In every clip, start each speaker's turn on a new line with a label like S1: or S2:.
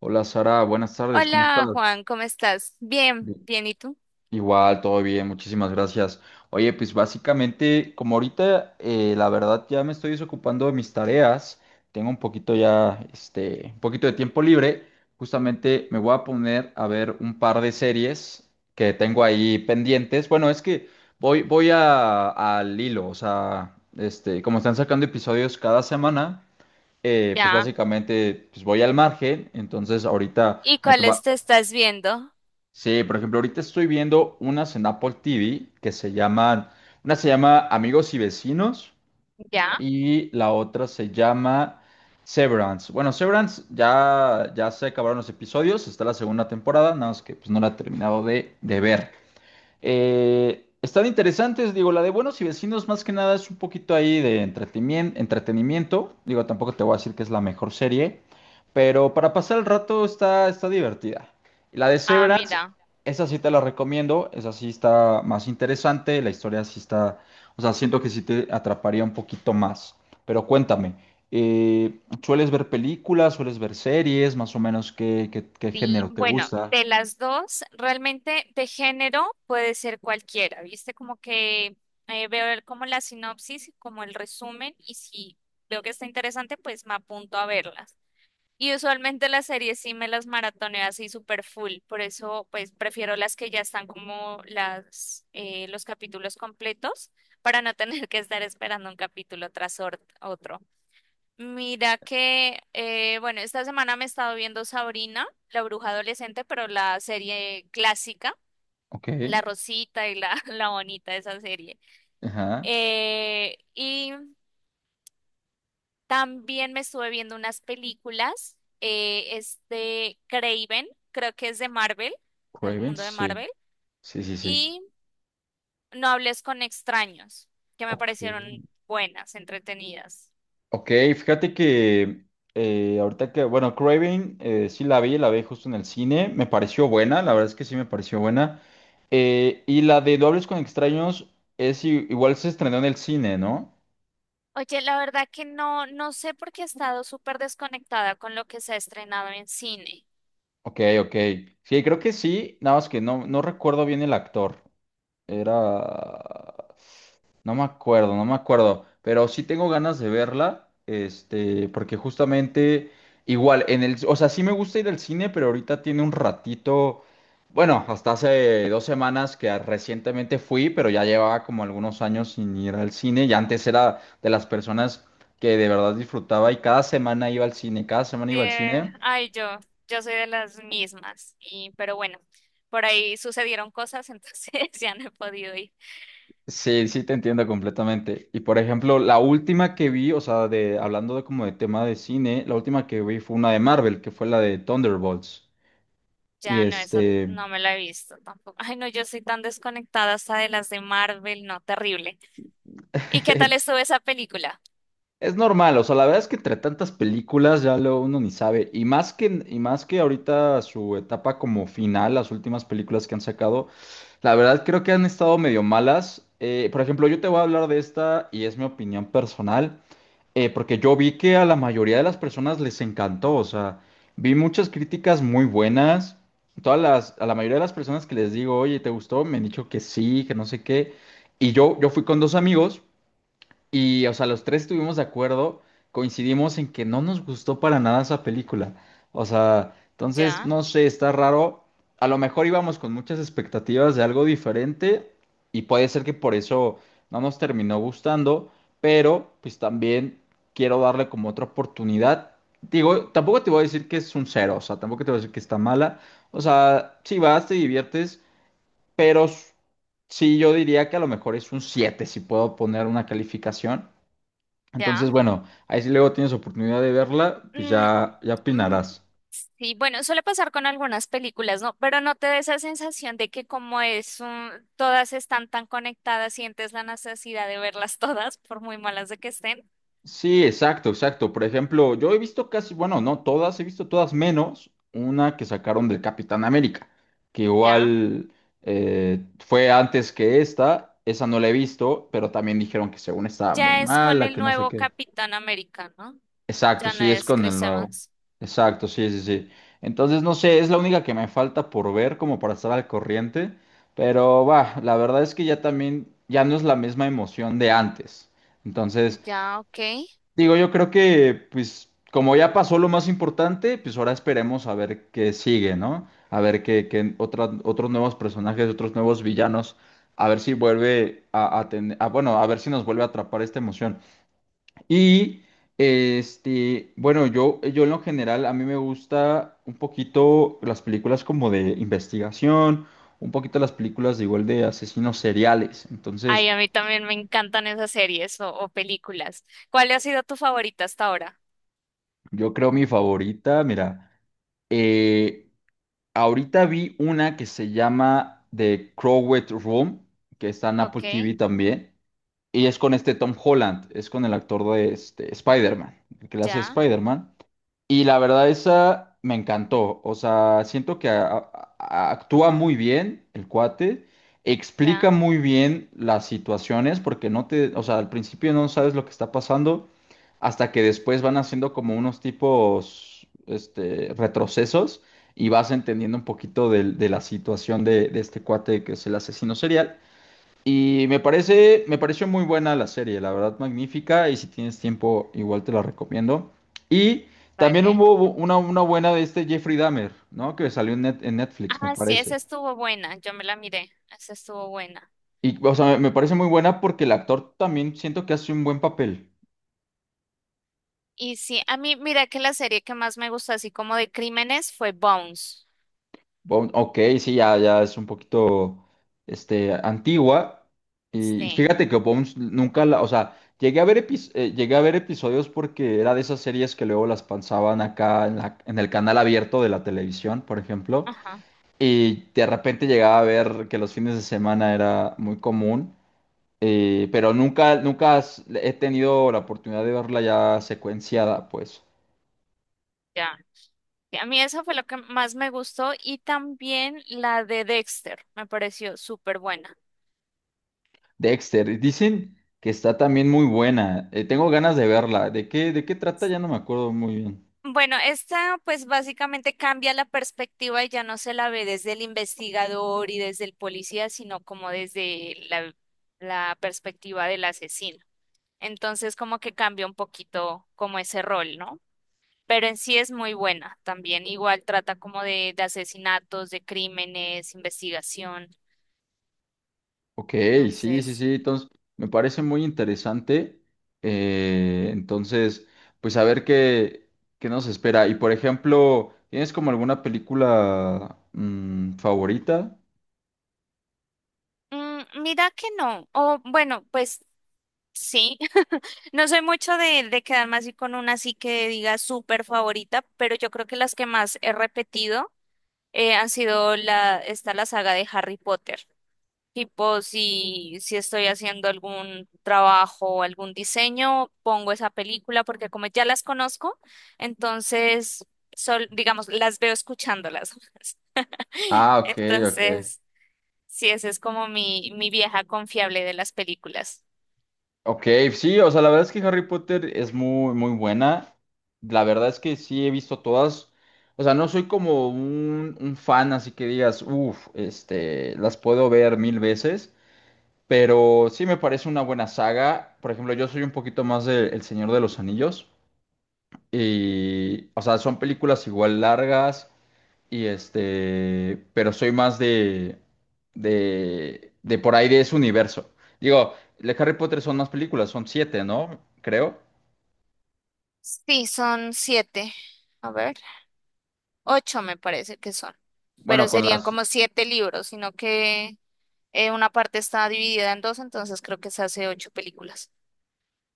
S1: Hola Sara, buenas tardes, ¿cómo estás?
S2: Hola Juan, ¿cómo estás? Bien,
S1: Bien.
S2: bien, ¿y tú?
S1: Igual, todo bien, muchísimas gracias. Oye, pues básicamente, como ahorita la verdad ya me estoy desocupando de mis tareas, tengo un poquito ya, este, un poquito de tiempo libre, justamente me voy a poner a ver un par de series que tengo ahí pendientes. Bueno, es que voy, voy a, al hilo, o sea, este, como están sacando episodios cada semana, pues
S2: Ya.
S1: básicamente pues voy al margen, entonces ahorita...
S2: ¿Y
S1: Me,
S2: cuáles te estás viendo?
S1: sí, por ejemplo, ahorita estoy viendo unas en Apple TV que se llaman, una se llama Amigos y Vecinos
S2: Ya.
S1: y la otra se llama Severance. Bueno, Severance ya se acabaron los episodios, está la segunda temporada, nada más que pues no la he terminado de ver. Están interesantes, digo, la de Buenos y Vecinos más que nada es un poquito ahí de entretenimiento, digo, tampoco te voy a decir que es la mejor serie, pero para pasar el rato está divertida. Y la de
S2: Ah,
S1: Severance,
S2: mira.
S1: esa sí te la recomiendo, esa sí está más interesante, la historia sí está, o sea, siento que sí te atraparía un poquito más, pero cuéntame, ¿sueles ver películas, sueles ver series, más o menos qué
S2: Sí,
S1: género te
S2: bueno,
S1: gusta?
S2: de las dos, realmente de género puede ser cualquiera, ¿viste? Como que veo como la sinopsis, como el resumen, y si veo que está interesante, pues me apunto a verlas. Y usualmente las series sí me las maratoneo así super full, por eso pues prefiero las que ya están como las los capítulos completos para no tener que estar esperando un capítulo otro. Mira que bueno, esta semana me he estado viendo Sabrina, la bruja adolescente, pero la serie clásica,
S1: Ok,
S2: la Rosita y la, la Bonita, esa serie.
S1: ajá.
S2: Y también me estuve viendo unas películas, es de Craven, creo que es de Marvel, del
S1: Cravens,
S2: mundo de
S1: sí.
S2: Marvel,
S1: Sí, sí, sí.
S2: y No hables con extraños, que me
S1: Ok.
S2: parecieron buenas, entretenidas.
S1: Ok, fíjate que ahorita que, bueno, Craven sí la vi justo en el cine, me pareció buena, la verdad es que sí me pareció buena. Y la de Dobles con Extraños es igual se estrenó en el cine, ¿no?
S2: Oye, la verdad que no sé por qué he estado súper desconectada con lo que se ha estrenado en cine.
S1: Ok, ok. Sí, creo que sí, nada más que no, no recuerdo bien el actor. Era... No me acuerdo, no me acuerdo, pero sí tengo ganas de verla, este, porque justamente igual en el, o sea, sí me gusta ir al cine, pero ahorita tiene un ratito, bueno, hasta hace dos semanas que recientemente fui, pero ya llevaba como algunos años sin ir al cine, y antes era de las personas que de verdad disfrutaba y cada semana iba al cine, cada semana iba al cine.
S2: Ay, yo soy de las mismas, pero bueno, por ahí sucedieron cosas, entonces ya no he podido ir.
S1: Sí, sí, te entiendo completamente. Y por ejemplo, la última que vi, o sea, hablando de como de tema de cine, la última que vi fue una de Marvel, que fue la de Thunderbolts. Y
S2: Ya no, esa
S1: este,
S2: no me la he visto tampoco. Ay, no, yo soy tan desconectada hasta de las de Marvel, no, terrible. ¿Y qué tal estuvo esa película?
S1: es normal, o sea, la verdad es que entre tantas películas ya lo uno ni sabe. Y más que ahorita su etapa como final, las últimas películas que han sacado, la verdad creo que han estado medio malas. Por ejemplo, yo te voy a hablar de esta y es mi opinión personal. Porque yo vi que a la mayoría de las personas les encantó, o sea, vi muchas críticas muy buenas. Todas las, a la mayoría de las personas que les digo, oye, ¿te gustó? Me han dicho que sí, que no sé qué. Y yo fui con dos amigos y, o sea, los tres estuvimos de acuerdo, coincidimos en que no nos gustó para nada esa película. O sea, entonces,
S2: Ya,
S1: no sé, está raro. A lo mejor íbamos con muchas expectativas de algo diferente y puede ser que por eso no nos terminó gustando, pero pues también quiero darle como otra oportunidad. Digo, tampoco te voy a decir que es un cero, o sea, tampoco te voy a decir que está mala. O sea, si vas, te diviertes, pero sí yo diría que a lo mejor es un 7 si puedo poner una calificación.
S2: ya.
S1: Entonces, bueno, ahí si luego tienes oportunidad de verla, pues
S2: Mm,
S1: ya
S2: mm,
S1: opinarás.
S2: sí, bueno, suele pasar con algunas películas, ¿no? Pero no te da esa sensación de que como todas están tan conectadas, sientes la necesidad de verlas todas, por muy malas de que estén.
S1: Sí, exacto, exacto. Por ejemplo, yo he visto casi, bueno, no todas, he visto todas menos una que sacaron del Capitán América, que
S2: Ya.
S1: igual fue antes que esta, esa no la he visto, pero también dijeron que según estaba muy
S2: Ya es con
S1: mala,
S2: el
S1: que no sé
S2: nuevo
S1: qué.
S2: Capitán América, ¿no?
S1: Exacto,
S2: Ya no
S1: sí, es
S2: es
S1: con el
S2: Chris
S1: nuevo.
S2: Evans.
S1: Exacto, sí, sí, sí. Entonces, no sé, es la única que me falta por ver como para estar al corriente, pero va, la verdad es que ya también, ya no es la misma emoción de antes. Entonces,
S2: Ya, ok.
S1: digo, yo creo que, pues, como ya pasó lo más importante, pues ahora esperemos a ver qué sigue, ¿no? A ver qué, otros nuevos personajes, otros nuevos villanos, a ver si vuelve a tener, bueno, a ver si nos vuelve a atrapar esta emoción. Y este, bueno, yo en lo general, a mí me gusta un poquito las películas como de investigación, un poquito las películas de igual de asesinos seriales.
S2: Ay,
S1: Entonces,
S2: a mí también me encantan esas series o películas. ¿Cuál ha sido tu favorita hasta ahora?
S1: yo creo mi favorita, mira, eh, ahorita vi una que se llama The Crowded Room, que está en Apple
S2: Ok,
S1: TV también, y es con este Tom Holland, es con el actor de este, Spider-Man, el que le hace
S2: ya,
S1: Spider-Man. Y la verdad, esa me encantó. O sea, siento que actúa muy bien el cuate, explica
S2: ya,
S1: muy bien las situaciones, porque no te, o sea, al principio no sabes lo que está pasando, hasta que después van haciendo como unos tipos, este, retrocesos y vas entendiendo un poquito de, la situación de este cuate que es el asesino serial. Y me pareció muy buena la serie, la verdad, magnífica. Y si tienes tiempo, igual te la recomiendo. Y también
S2: vale.
S1: hubo una buena de este Jeffrey Dahmer, ¿no? Que salió en, en Netflix, me
S2: Ah, sí,
S1: parece.
S2: esa estuvo buena, yo me la miré, esa estuvo buena.
S1: Y, o sea, me parece muy buena porque el actor también siento que hace un buen papel.
S2: Y sí, a mí, mira que la serie que más me gustó, así como de crímenes, fue Bones.
S1: Ok, sí, ya es un poquito este, antigua. Y
S2: Sí,
S1: fíjate que Bones nunca la, o sea, llegué a ver llegué a ver episodios porque era de esas series que luego las pasaban acá en en el canal abierto de la televisión, por ejemplo.
S2: ajá,
S1: Y de repente llegaba a ver que los fines de semana era muy común. Pero nunca, nunca has- he tenido la oportunidad de verla ya secuenciada, pues.
S2: ya. Sí, a mí esa fue lo que más me gustó y también la de Dexter, me pareció súper buena.
S1: Dexter, dicen que está también muy buena. Tengo ganas de verla. De qué trata? Ya no me acuerdo muy bien.
S2: Bueno, esta pues básicamente cambia la perspectiva y ya no se la ve desde el investigador y desde el policía, sino como desde la perspectiva del asesino. Entonces como que cambia un poquito como ese rol, ¿no? Pero en sí es muy buena también. Igual trata como de asesinatos, de crímenes, investigación.
S1: Ok, sí, sí,
S2: Entonces,
S1: sí. Entonces, me parece muy interesante. Entonces, pues a ver qué, qué nos espera. Y por ejemplo, ¿tienes como alguna película mm, favorita?
S2: mira que no. O bueno, pues sí. No soy mucho de quedarme así con una así que diga súper favorita, pero yo creo que las que más he repetido han sido está la saga de Harry Potter. Tipo, si estoy haciendo algún trabajo o algún diseño, pongo esa película porque como ya las conozco, entonces, digamos, las veo escuchándolas.
S1: Ah, ok, ok.
S2: Entonces, sí, esa es como mi vieja confiable de las películas.
S1: Ok, sí, o sea, la verdad es que Harry Potter es muy, muy buena. La verdad es que sí he visto todas. O sea, no soy como un fan, así que digas, uff, este, las puedo ver mil veces. Pero sí me parece una buena saga. Por ejemplo, yo soy un poquito más de El Señor de los Anillos. Y, o sea, son películas igual largas. Y este, pero soy más de por ahí de ese universo. Digo, de Harry Potter son más películas, son siete, ¿no? Creo.
S2: Sí, son siete. A ver. Ocho me parece que son,
S1: Bueno,
S2: pero
S1: con
S2: serían
S1: las,
S2: como siete libros, sino que una parte está dividida en dos, entonces creo que se hace ocho películas.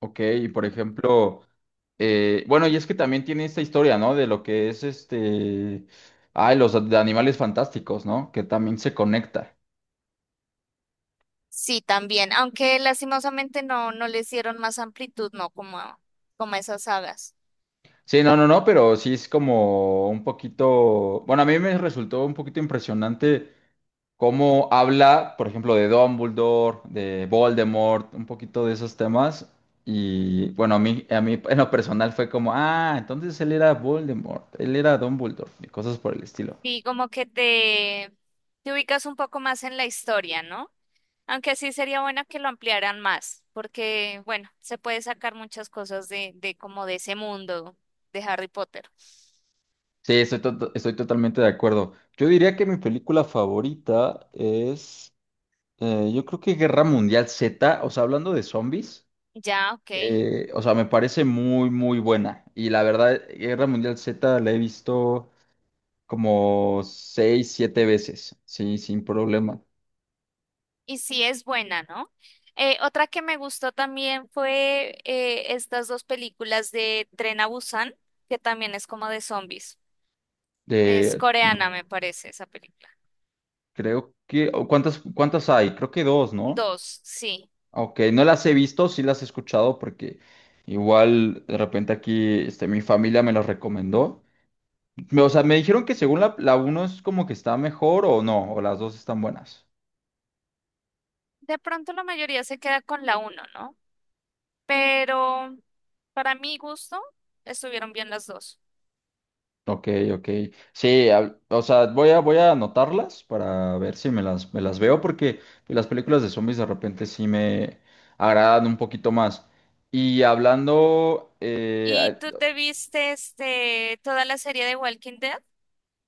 S1: ok, y por ejemplo, bueno, y es que también tiene esta historia, ¿no? De lo que es este, ay, los de animales fantásticos, ¿no? Que también se conecta.
S2: Sí, también, aunque lastimosamente no les dieron más amplitud, no como, como a esas sagas.
S1: Sí, no, no, no, pero sí es como un poquito, bueno, a mí me resultó un poquito impresionante cómo habla, por ejemplo, de Dumbledore, de Voldemort, un poquito de esos temas. Y bueno, a mí en lo personal fue como, ah, entonces él era Voldemort, él era Dumbledore, y cosas por el estilo.
S2: Y como que te ubicas un poco más en la historia, ¿no? Aunque sí sería bueno que lo ampliaran más, porque bueno, se puede sacar muchas cosas de como de ese mundo de Harry Potter.
S1: Sí, estoy totalmente de acuerdo. Yo diría que mi película favorita es, yo creo que Guerra Mundial Z, o sea, hablando de zombies.
S2: Ya, ok.
S1: O sea, me parece muy, muy buena. Y la verdad, Guerra Mundial Z la he visto como seis, siete veces, sí, sin problema.
S2: Y sí es buena, ¿no? Otra que me gustó también fue estas dos películas de Tren a Busan, que también es como de zombies. Es
S1: De,
S2: coreana, me
S1: no,
S2: parece, esa película.
S1: creo que, o ¿cuántas hay? Creo que dos, ¿no?
S2: Dos, sí.
S1: Ok, no las he visto, sí las he escuchado porque igual de repente aquí este, mi familia me las recomendó. Me- O sea, me dijeron que según la uno es como que está mejor o no, o las dos están buenas.
S2: De pronto la mayoría se queda con la uno, ¿no? Pero para mi gusto, estuvieron bien las dos.
S1: Ok, ok. Sí, o sea, voy a anotarlas para ver si me las veo, porque las películas de zombies de repente sí me agradan un poquito más. Y hablando,
S2: ¿Y tú te viste este, toda la serie de Walking Dead?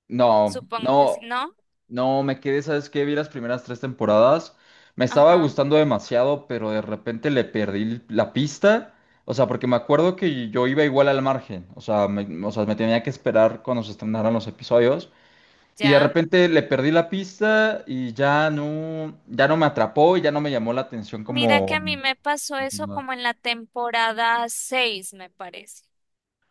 S1: no,
S2: Supongo que sí,
S1: no,
S2: ¿no?
S1: no me quedé, ¿sabes qué? Vi las primeras tres temporadas, me estaba
S2: Ajá,
S1: gustando demasiado, pero de repente le perdí la pista. O sea, porque me acuerdo que yo iba igual al margen, o sea, o sea, me tenía que esperar cuando se estrenaran los episodios. Y de
S2: ya.
S1: repente le perdí la pista y ya no me atrapó y ya no me llamó la atención
S2: Mira que a
S1: como
S2: mí me pasó eso
S1: continuar.
S2: como en la temporada 6, me parece.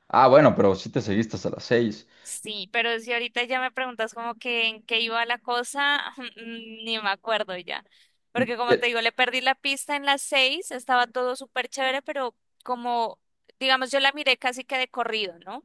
S1: Ah, bueno, pero sí te seguiste hasta las seis.
S2: Sí, pero si ahorita ya me preguntas como que en qué iba la cosa, ni me acuerdo ya. Porque como
S1: Y-
S2: te digo, le perdí la pista en las 6. Estaba todo súper chévere, pero como, digamos, yo la miré casi que de corrido, ¿no?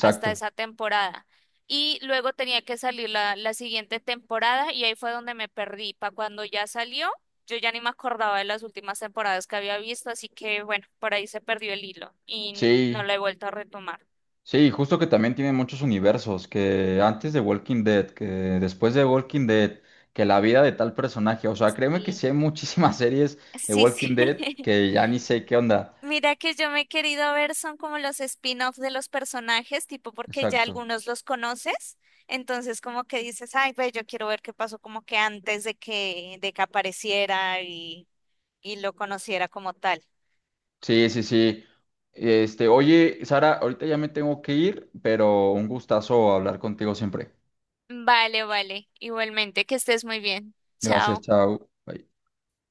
S2: Hasta esa temporada. Y luego tenía que salir la siguiente temporada y ahí fue donde me perdí. Para cuando ya salió, yo ya ni me acordaba de las últimas temporadas que había visto, así que bueno, por ahí se perdió el hilo y no
S1: Sí,
S2: lo he vuelto a retomar.
S1: sí, justo que también tiene muchos universos, que antes de Walking Dead, que después de Walking Dead, que la vida de tal personaje. O sea, créeme que
S2: Sí,
S1: sí hay muchísimas series de
S2: sí, sí.
S1: Walking Dead que ya ni sé qué onda.
S2: Mira que yo me he querido ver son como los spin-off de los personajes, tipo porque ya
S1: Exacto.
S2: algunos los conoces, entonces como que dices, ay, ve, yo quiero ver qué pasó como que antes de que apareciera y lo conociera como tal.
S1: Sí, sí, sí. Este, oye, Sara, ahorita ya me tengo que ir, pero un gustazo hablar contigo siempre.
S2: Vale, vale. Igualmente, que estés muy bien.
S1: Gracias,
S2: Chao.
S1: chao. Bye.